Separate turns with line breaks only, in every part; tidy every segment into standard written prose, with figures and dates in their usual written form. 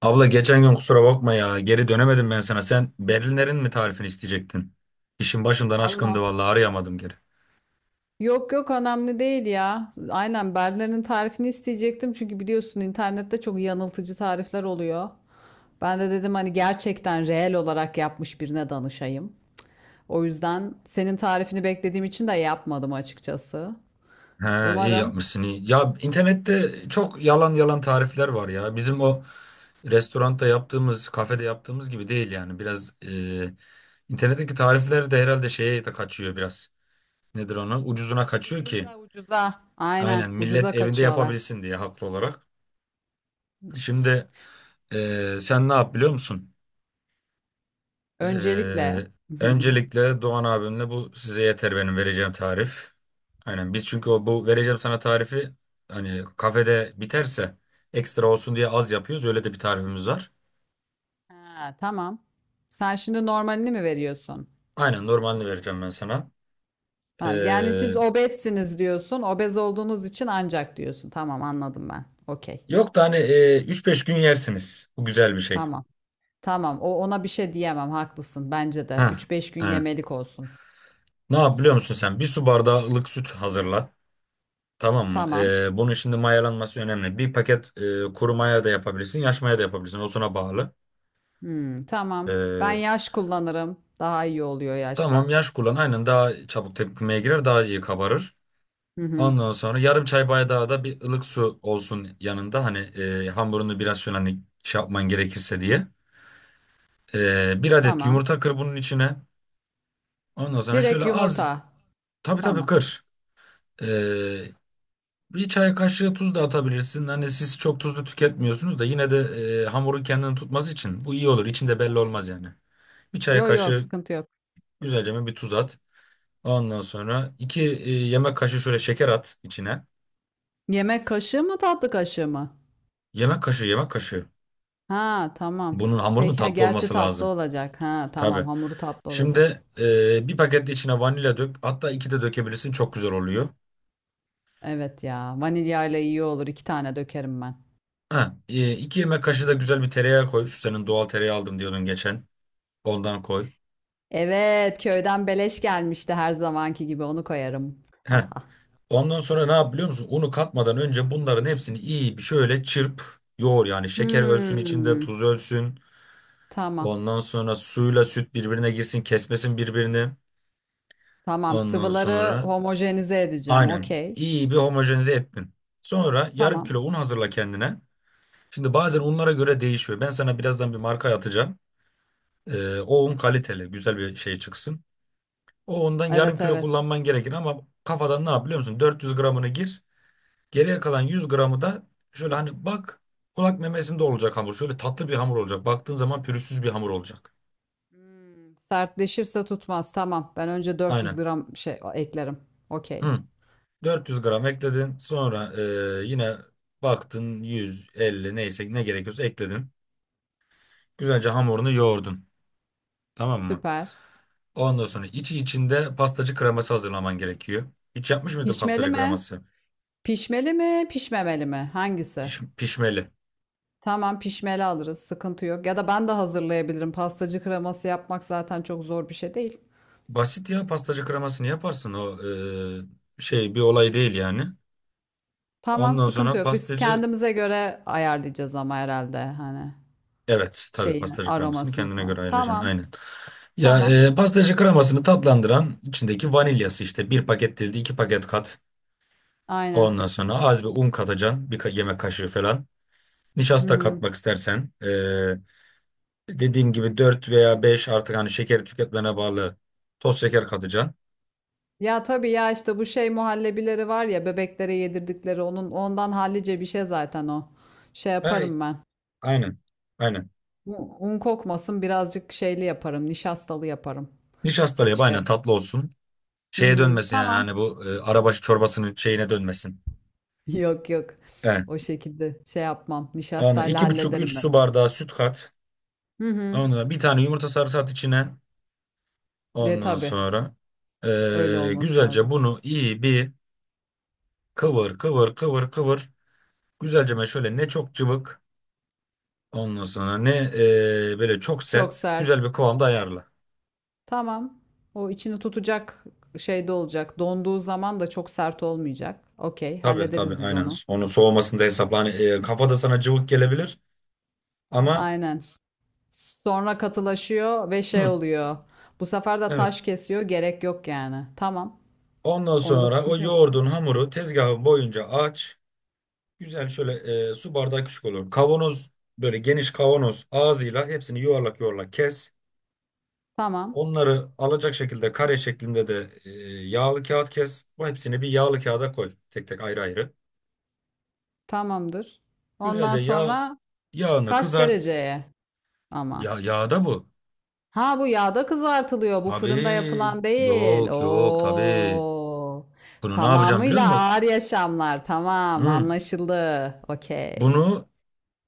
Abla geçen gün kusura bakma ya. Geri dönemedim ben sana. Sen Berliner'in mi tarifini isteyecektin? İşin başımdan aşkındı
Vallahi.
vallahi arayamadım geri.
Yok yok önemli değil ya. Aynen Berliner'in tarifini isteyecektim. Çünkü biliyorsun internette çok yanıltıcı tarifler oluyor. Ben de dedim hani gerçekten reel olarak yapmış birine danışayım. O yüzden senin tarifini beklediğim için de yapmadım açıkçası.
He iyi
Umarım.
yapmışsın iyi. Ya internette çok yalan yalan tarifler var ya. Bizim o restoranda yaptığımız, kafede yaptığımız gibi değil yani. Biraz internetteki tarifler de herhalde şeye de kaçıyor biraz. Nedir onu? Ucuzuna kaçıyor
Ucuza
ki.
ucuza. Aynen
Aynen millet
ucuza
evinde
kaçıyorlar.
yapabilsin diye haklı olarak.
İşte.
Şimdi sen ne yap biliyor musun? Ee,
Öncelikle.
Öncelikle Doğan abimle bu size yeter benim vereceğim tarif. Aynen biz çünkü o bu vereceğim sana tarifi hani kafede biterse ekstra olsun diye az yapıyoruz. Öyle de bir tarifimiz var.
Ha, tamam. Sen şimdi normalini mi veriyorsun?
Aynen normalini vereceğim ben sana.
Ha, yani
Ee,
siz obezsiniz diyorsun. Obez olduğunuz için ancak diyorsun. Tamam anladım ben. Okey.
Yok da hani 3-5 gün yersiniz. Bu güzel bir şey.
Tamam. Tamam. O ona bir şey diyemem. Haklısın. Bence de.
Ha,
3-5 gün
aynen.
yemelik olsun.
Ne yap biliyor musun sen? Bir su bardağı ılık süt hazırla. Tamam mı?
Tamam.
Bunun şimdi mayalanması önemli. Bir paket kuru maya da yapabilirsin, yaş maya da yapabilirsin. O sana bağlı.
Hmm, tamam. Ben
Ee,
yaş kullanırım. Daha iyi oluyor
Tamam
yaşla.
yaş kullan. Aynen daha çabuk tepkimeye girer, daha iyi kabarır.
Hı hı.
Ondan sonra yarım çay bardağı da bir ılık su olsun yanında. Hani hamurunu biraz şöyle hani şey yapman gerekirse diye. Bir adet
Tamam.
yumurta kır bunun içine. Ondan sonra şöyle
Direkt
az,
yumurta.
tabii
Tamam.
kır. E, Bir çay kaşığı tuz da atabilirsin. Hani siz çok tuzlu tüketmiyorsunuz da yine de hamurun kendini tutması için bu iyi olur. İçinde belli
Tabii.
olmaz yani. Bir çay
Yo yo
kaşığı
sıkıntı yok.
güzelce bir tuz at. Ondan sonra iki yemek kaşığı şöyle şeker at içine.
Yemek kaşığı mı tatlı kaşığı mı?
Yemek kaşığı, yemek kaşığı.
Ha tamam.
Bunun hamurunun
Peki ha
tatlı
gerçi
olması
tatlı
lazım.
olacak. Ha
Tabii.
tamam hamuru tatlı olacak.
Şimdi bir paket içine vanilya dök. Hatta iki de dökebilirsin. Çok güzel oluyor.
Evet ya. Vanilyayla iyi olur. iki tane dökerim ben.
Ha, iki yemek kaşığı da güzel bir tereyağı koy. Şu senin doğal tereyağı aldım diyordun geçen. Ondan koy.
Evet, köyden beleş gelmişti her zamanki gibi. Onu koyarım.
Heh.
Haha.
Ondan sonra ne yap biliyor musun? Unu katmadan önce bunların hepsini iyi bir şöyle çırp. Yoğur yani. Şeker ölsün içinde,
Hmm,
tuz ölsün.
tamam.
Ondan sonra suyla süt birbirine girsin. Kesmesin birbirini.
Tamam.
Ondan
Sıvıları
sonra
homojenize edeceğim.
aynen.
Okey.
İyi bir homojenize ettin. Sonra yarım
Tamam.
kilo un hazırla kendine. Şimdi bazen unlara göre değişiyor. Ben sana birazdan bir marka atacağım. O un kaliteli, güzel bir şey çıksın. O undan yarım
Evet
kilo
evet.
kullanman gerekir ama kafadan ne yap biliyor musun? 400 gramını gir. Geriye kalan 100 gramı da şöyle hani bak, kulak memesinde olacak hamur. Şöyle tatlı bir hamur olacak. Baktığın zaman pürüzsüz bir hamur olacak.
Hmm, sertleşirse tutmaz. Tamam. Ben önce 400
Aynen.
gram şey eklerim. Okey.
Hı. 400 gram ekledin. Sonra yine baktın 150 neyse ne gerekiyorsa ekledin. Güzelce hamurunu yoğurdun. Tamam mı?
Süper.
Ondan sonra içi içinde pastacı kreması hazırlaman gerekiyor. Hiç yapmış mıydın
Pişmeli
pastacı
mi?
kreması?
Pişmeli mi? Pişmemeli mi? Hangisi?
Pişmeli.
Tamam pişmeli alırız. Sıkıntı yok. Ya da ben de hazırlayabilirim. Pastacı kreması yapmak zaten çok zor bir şey değil.
Basit ya, pastacı kremasını yaparsın. O şey bir olay değil yani.
Tamam
Ondan
sıkıntı
sonra
yok. Biz
pastacı,
kendimize göre ayarlayacağız ama herhalde hani
evet, tabii
şeyini,
pastacı kremasını
aromasını
kendine
falan.
göre ayıracaksın
Tamam.
aynen. Ya
Tamam.
pastacı kremasını tatlandıran içindeki vanilyası işte bir paket değil de iki paket kat.
Aynen.
Ondan sonra az bir un katacaksın, bir yemek kaşığı falan.
Hı
Nişasta
hı.
katmak istersen, dediğim gibi 4 veya beş, artık hani şekeri tüketmene bağlı, toz şeker katacaksın.
Ya tabii ya işte bu şey muhallebileri var ya bebeklere yedirdikleri onun ondan hallice bir şey zaten o. Şey
Hey,
yaparım ben.
aynen. Aynen.
Un, un kokmasın birazcık şeyli yaparım. Nişastalı yaparım.
Nişastalı yap
Şey.
aynen, tatlı olsun.
Hı
Şeye
hı.
dönmesin yani
Tamam.
hani bu arabaşı çorbasının şeyine dönmesin.
Yok yok.
Evet.
O şekilde şey yapmam.
Onu
Nişastayla
iki buçuk
hallederim
üç
ben
su
onu.
bardağı süt kat.
Hı hı.
Ondan bir tane yumurta sarısı at içine.
De
Ondan
tabii.
sonra
Öyle olması
güzelce
lazım.
bunu iyi bir kıvır kıvır kıvır kıvır. Güzelce ben şöyle, ne çok cıvık ondan sonra ne böyle çok
Çok
sert, güzel
sert.
bir kıvamda ayarla.
Tamam. O içini tutacak şeyde olacak. Donduğu zaman da çok sert olmayacak. Okey,
Tabii
hallederiz biz
aynen.
onu.
Onun soğumasında hesapla. Hani, kafada sana cıvık gelebilir ama,
Aynen. Sonra katılaşıyor ve şey
hı,
oluyor. Bu sefer de
evet.
taş kesiyor. Gerek yok yani. Tamam.
Ondan
Onda
sonra o
sıkıntı yok.
yoğurdun hamuru tezgahın boyunca aç. Güzel şöyle, su bardağı küçük olur. Kavanoz, böyle geniş kavanoz ağzıyla hepsini yuvarlak yuvarlak kes.
Tamam.
Onları alacak şekilde kare şeklinde de yağlı kağıt kes. Bu hepsini bir yağlı kağıda koy. Tek tek ayrı ayrı.
Tamamdır. Ondan
Güzelce yağ,
sonra
yağını
kaç
kızart.
dereceye ama?
Ya yağda bu.
Ha bu yağda kızartılıyor. Bu fırında
Tabii.
yapılan değil.
Yok yok tabii.
Oo.
Bunu ne yapacağım biliyor
Tamamıyla
musun?
ağır yaşamlar. Tamam,
Hmm.
anlaşıldı. Okey.
Bunu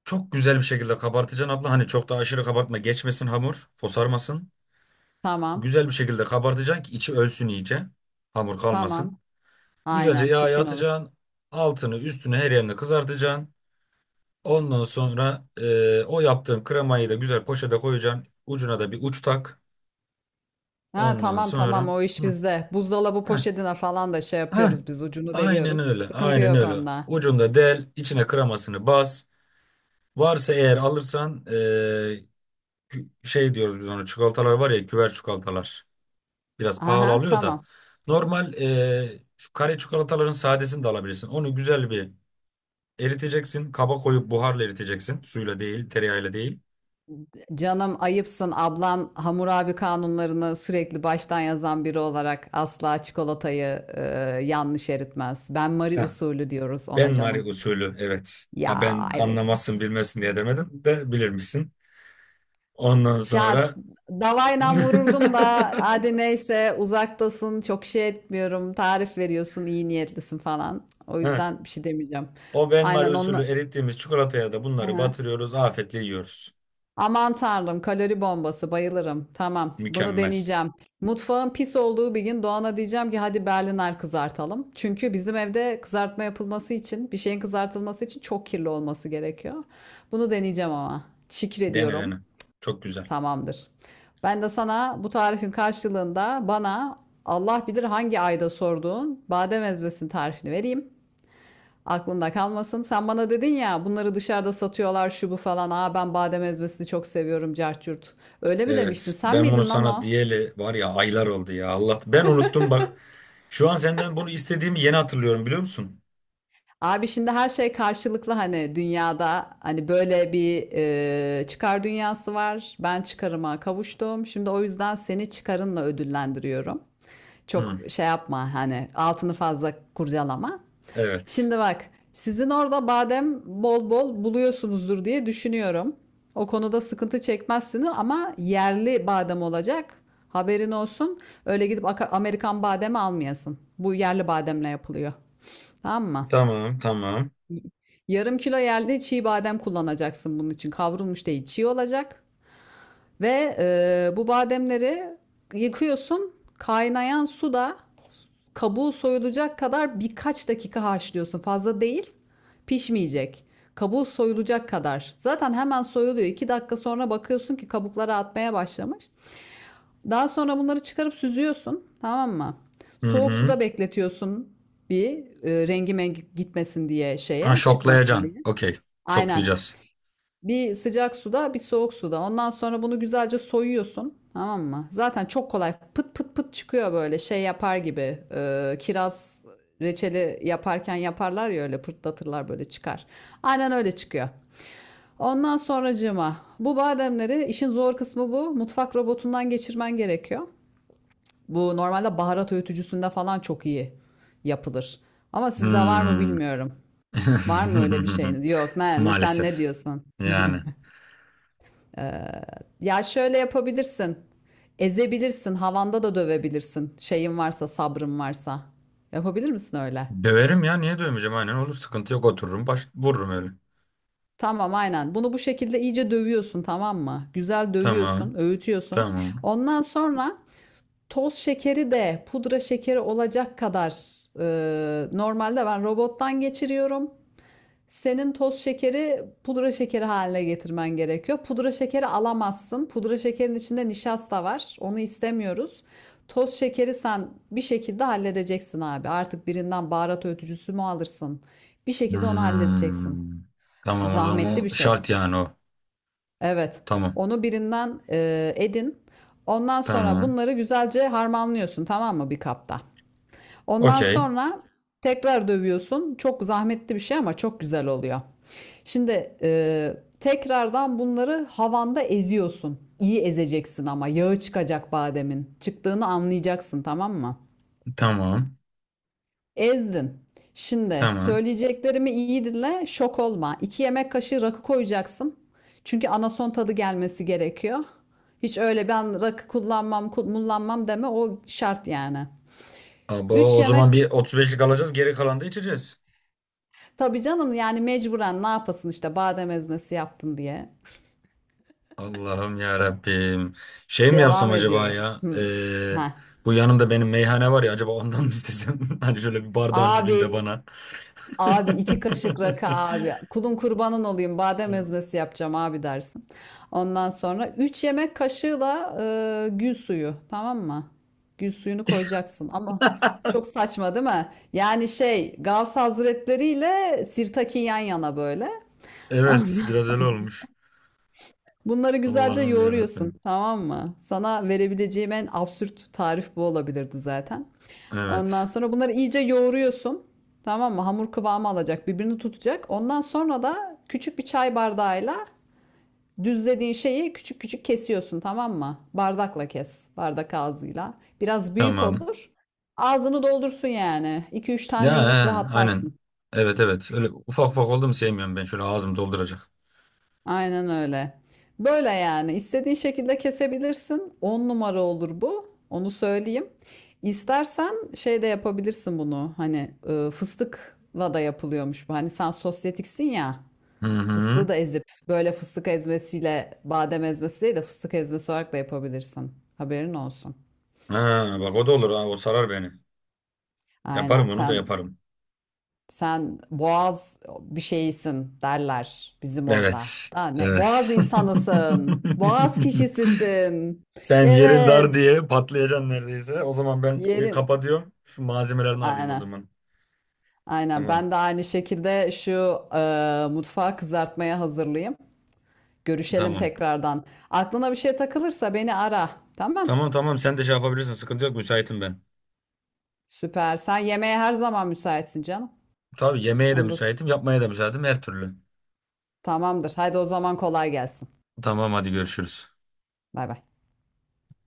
çok güzel bir şekilde kabartacaksın abla. Hani çok da aşırı kabartma. Geçmesin hamur. Fosarmasın.
Tamam.
Güzel bir şekilde kabartacaksın ki içi ölsün iyice. Hamur
Tamam.
kalmasın. Güzelce
Aynen
yağa
çirkin olur.
atacaksın. Altını, üstünü, her yerini kızartacaksın. Ondan sonra o yaptığın kremayı da güzel poşete koyacaksın. Ucuna da bir uç tak.
Ha
Ondan
tamam tamam
sonra
o iş
hı,
bizde. Buzdolabı
heh,
poşetine falan da şey
heh,
yapıyoruz biz ucunu
aynen
deliyoruz.
öyle.
Sıkıntı
Aynen
yok
öyle.
onda.
Ucunda del. İçine kremasını bas. Varsa eğer alırsan şey diyoruz biz ona, çikolatalar var ya, küver çikolatalar. Biraz pahalı
Aha
oluyor da.
tamam.
Normal şu kare çikolataların sadesini de alabilirsin. Onu güzel bir eriteceksin. Kaba koyup buharla eriteceksin. Suyla değil, tereyağıyla değil.
Canım ayıpsın ablan Hammurabi kanunlarını sürekli baştan yazan biri olarak asla çikolatayı yanlış eritmez. Ben Marie
Heh,
usulü diyoruz
ben
ona
Mari
canım.
usulü, evet. Ha,
Ya
ben
evet.
anlamazsın bilmesin diye demedim de bilirmişsin. Ondan
Şahs
sonra
Davayla vururdum da hadi neyse uzaktasın çok şey etmiyorum tarif veriyorsun iyi niyetlisin falan. O
heh,
yüzden bir şey demeyeceğim.
o Ben Mari
Aynen
usulü
onunla.
erittiğimiz çikolataya da bunları batırıyoruz. Afiyetle yiyoruz.
Aman tanrım kalori bombası bayılırım. Tamam bunu
Mükemmel.
deneyeceğim. Mutfağın pis olduğu bir gün Doğan'a diyeceğim ki hadi Berliner kızartalım. Çünkü bizim evde kızartma yapılması için bir şeyin kızartılması için çok kirli olması gerekiyor. Bunu deneyeceğim ama. Şükür
Dene
diyorum.
dene. Çok güzel.
Tamamdır. Ben de sana bu tarifin karşılığında bana Allah bilir hangi ayda sorduğun badem ezmesinin tarifini vereyim. Aklında kalmasın. Sen bana dedin ya bunları dışarıda satıyorlar şu bu falan. Aa ben badem ezmesini çok seviyorum carçurt. Öyle mi demiştin?
Evet,
Sen
ben bunu
miydin lan
sana
o?
diyeli var ya aylar oldu ya Allah. Ben unuttum bak. Şu an senden bunu istediğimi yeni hatırlıyorum biliyor musun?
Abi şimdi her şey karşılıklı hani dünyada hani böyle bir çıkar dünyası var. Ben çıkarıma kavuştum. Şimdi o yüzden seni çıkarınla ödüllendiriyorum.
Hı.
Çok şey yapma hani altını fazla kurcalama.
Evet.
Şimdi bak, sizin orada badem bol bol buluyorsunuzdur diye düşünüyorum. O konuda sıkıntı çekmezsiniz ama yerli badem olacak. Haberin olsun. Öyle gidip Amerikan bademi almayasın. Bu yerli bademle yapılıyor. Tamam mı?
Tamam, tamam.
Yarım kilo yerli çiğ badem kullanacaksın bunun için. Kavrulmuş değil, çiğ olacak. Ve bu bademleri yıkıyorsun. Kaynayan suda kabuğu soyulacak kadar birkaç dakika haşlıyorsun. Fazla değil. Pişmeyecek. Kabuğu soyulacak kadar. Zaten hemen soyuluyor. 2 dakika sonra bakıyorsun ki kabukları atmaya başlamış. Daha sonra bunları çıkarıp süzüyorsun. Tamam mı?
Hı
Soğuk
hı.
suda bekletiyorsun bir rengi mengi gitmesin diye
Ha,
şeye çıkmasın
şoklayacaksın.
diye.
Okey.
Aynen.
Şoklayacağız.
Bir sıcak suda, bir soğuk suda. Ondan sonra bunu güzelce soyuyorsun. Tamam mı? Zaten çok kolay. Pıt pıt pıt çıkıyor böyle şey yapar gibi. Kiraz reçeli yaparken yaparlar ya öyle pırtlatırlar böyle çıkar. Aynen öyle çıkıyor. Ondan sonracığıma bu bademleri işin zor kısmı bu. Mutfak robotundan geçirmen gerekiyor. Bu normalde baharat öğütücüsünde falan çok iyi yapılır. Ama sizde var mı
Hmm.
bilmiyorum. Var mı öyle bir şeyiniz? Yok, ne, sen ne
Maalesef.
diyorsun?
Yani.
Ee, ya şöyle yapabilirsin. Ezebilirsin, havanda da dövebilirsin. Şeyin varsa, sabrın varsa. Yapabilir misin öyle?
Döverim ya, niye dövmeyeceğim, aynen olur, sıkıntı yok, otururum baş vururum öyle.
Tamam, aynen. Bunu bu şekilde iyice dövüyorsun, tamam mı? Güzel
Tamam.
dövüyorsun, öğütüyorsun.
Tamam.
Ondan sonra toz şekeri de pudra şekeri olacak kadar normalde ben robottan geçiriyorum. Senin toz şekeri pudra şekeri haline getirmen gerekiyor. Pudra şekeri alamazsın. Pudra şekerin içinde nişasta var. Onu istemiyoruz. Toz şekeri sen bir şekilde halledeceksin abi. Artık birinden baharat öğütücüsü mü alırsın? Bir şekilde onu halledeceksin.
Hmm. Tamam o
Zahmetli
zaman
bir şey.
şart yani o.
Evet.
Tamam.
Onu birinden edin. Ondan sonra
Tamam.
bunları güzelce harmanlıyorsun tamam mı bir kapta? Ondan
Okey.
sonra tekrar dövüyorsun. Çok zahmetli bir şey ama çok güzel oluyor. Şimdi tekrardan bunları havanda eziyorsun. İyi ezeceksin ama yağı çıkacak bademin. Çıktığını anlayacaksın tamam mı?
Tamam.
Ezdin. Şimdi
Tamam.
söyleyeceklerimi iyi dinle, şok olma. 2 yemek kaşığı rakı koyacaksın. Çünkü anason tadı gelmesi gerekiyor. Hiç öyle ben rakı kullanmam, kullanmam deme o şart yani.
Abo,
3
o
yemek
zaman bir 35'lik alacağız. Geri kalanı da içeceğiz.
Tabii canım yani mecburen ne yapasın işte badem ezmesi yaptın diye.
Allah'ım ya Rabbim. Şey mi yapsam
Devam
acaba
ediyorum.
ya?
Hmm. Heh.
Bu yanımda benim meyhane var ya, acaba ondan mı istesem? Hani şöyle bir bardağın dibinde
Abi,
bana.
abi iki kaşık rakı abi. Kulun kurbanın olayım badem ezmesi yapacağım abi dersin. Ondan sonra 3 yemek kaşığı da gül suyu tamam mı? Gül suyunu koyacaksın ama çok saçma değil mi? Yani şey Gavs Hazretleri ile Sirtaki yan yana böyle. Ondan
Evet, biraz öyle olmuş.
Bunları güzelce
Allah'ım ya
yoğuruyorsun,
Rabbim.
tamam mı? Sana verebileceğim en absürt tarif bu olabilirdi zaten. Ondan
Evet.
sonra bunları iyice yoğuruyorsun. Tamam mı? Hamur kıvamı alacak, birbirini tutacak. Ondan sonra da küçük bir çay bardağıyla düzlediğin şeyi küçük küçük kesiyorsun, tamam mı? Bardakla kes, bardak ağzıyla. Biraz büyük
Tamam.
olur. Ağzını doldursun yani. 2 üç
Ya,
tane yiyip
he, aynen.
rahatlarsın.
Evet evet. Öyle ufak ufak oldu mu sevmiyorum ben. Şöyle ağzım dolduracak.
Aynen öyle. Böyle yani istediğin şekilde kesebilirsin. 10 numara olur bu. Onu söyleyeyim. İstersen şey de yapabilirsin bunu. Hani fıstıkla da yapılıyormuş bu. Hani sen sosyetiksin ya.
Hı hı.
Fıstığı da ezip böyle fıstık ezmesiyle badem ezmesi değil de fıstık ezmesi olarak da yapabilirsin. Haberin olsun.
Ha, bak o da olur ha. O sarar beni.
Aynen
Yaparım, onu da
sen
yaparım.
Sen boğaz bir şeysin derler bizim orada.
Evet.
Ha, ne? Boğaz
Evet.
insanısın. Boğaz kişisisin.
Sen yerin dar
Evet.
diye patlayacaksın neredeyse. O zaman ben bir
Yerim.
kapatıyorum. Şu malzemelerini alayım o
Aynen.
zaman.
Aynen.
Tamam.
Ben de aynı şekilde şu mutfağı kızartmaya hazırlayayım. Görüşelim
Tamam.
tekrardan. Aklına bir şey takılırsa beni ara. Tamam.
Tamam tamam sen de şey yapabilirsin. Sıkıntı yok. Müsaitim ben.
Süper. Sen yemeğe her zaman müsaitsin canım.
Tabii yemeğe de
Onda
müsaitim, yapmaya da müsaitim her türlü.
tamamdır. Haydi o zaman kolay gelsin.
Tamam hadi görüşürüz.
Bay bay.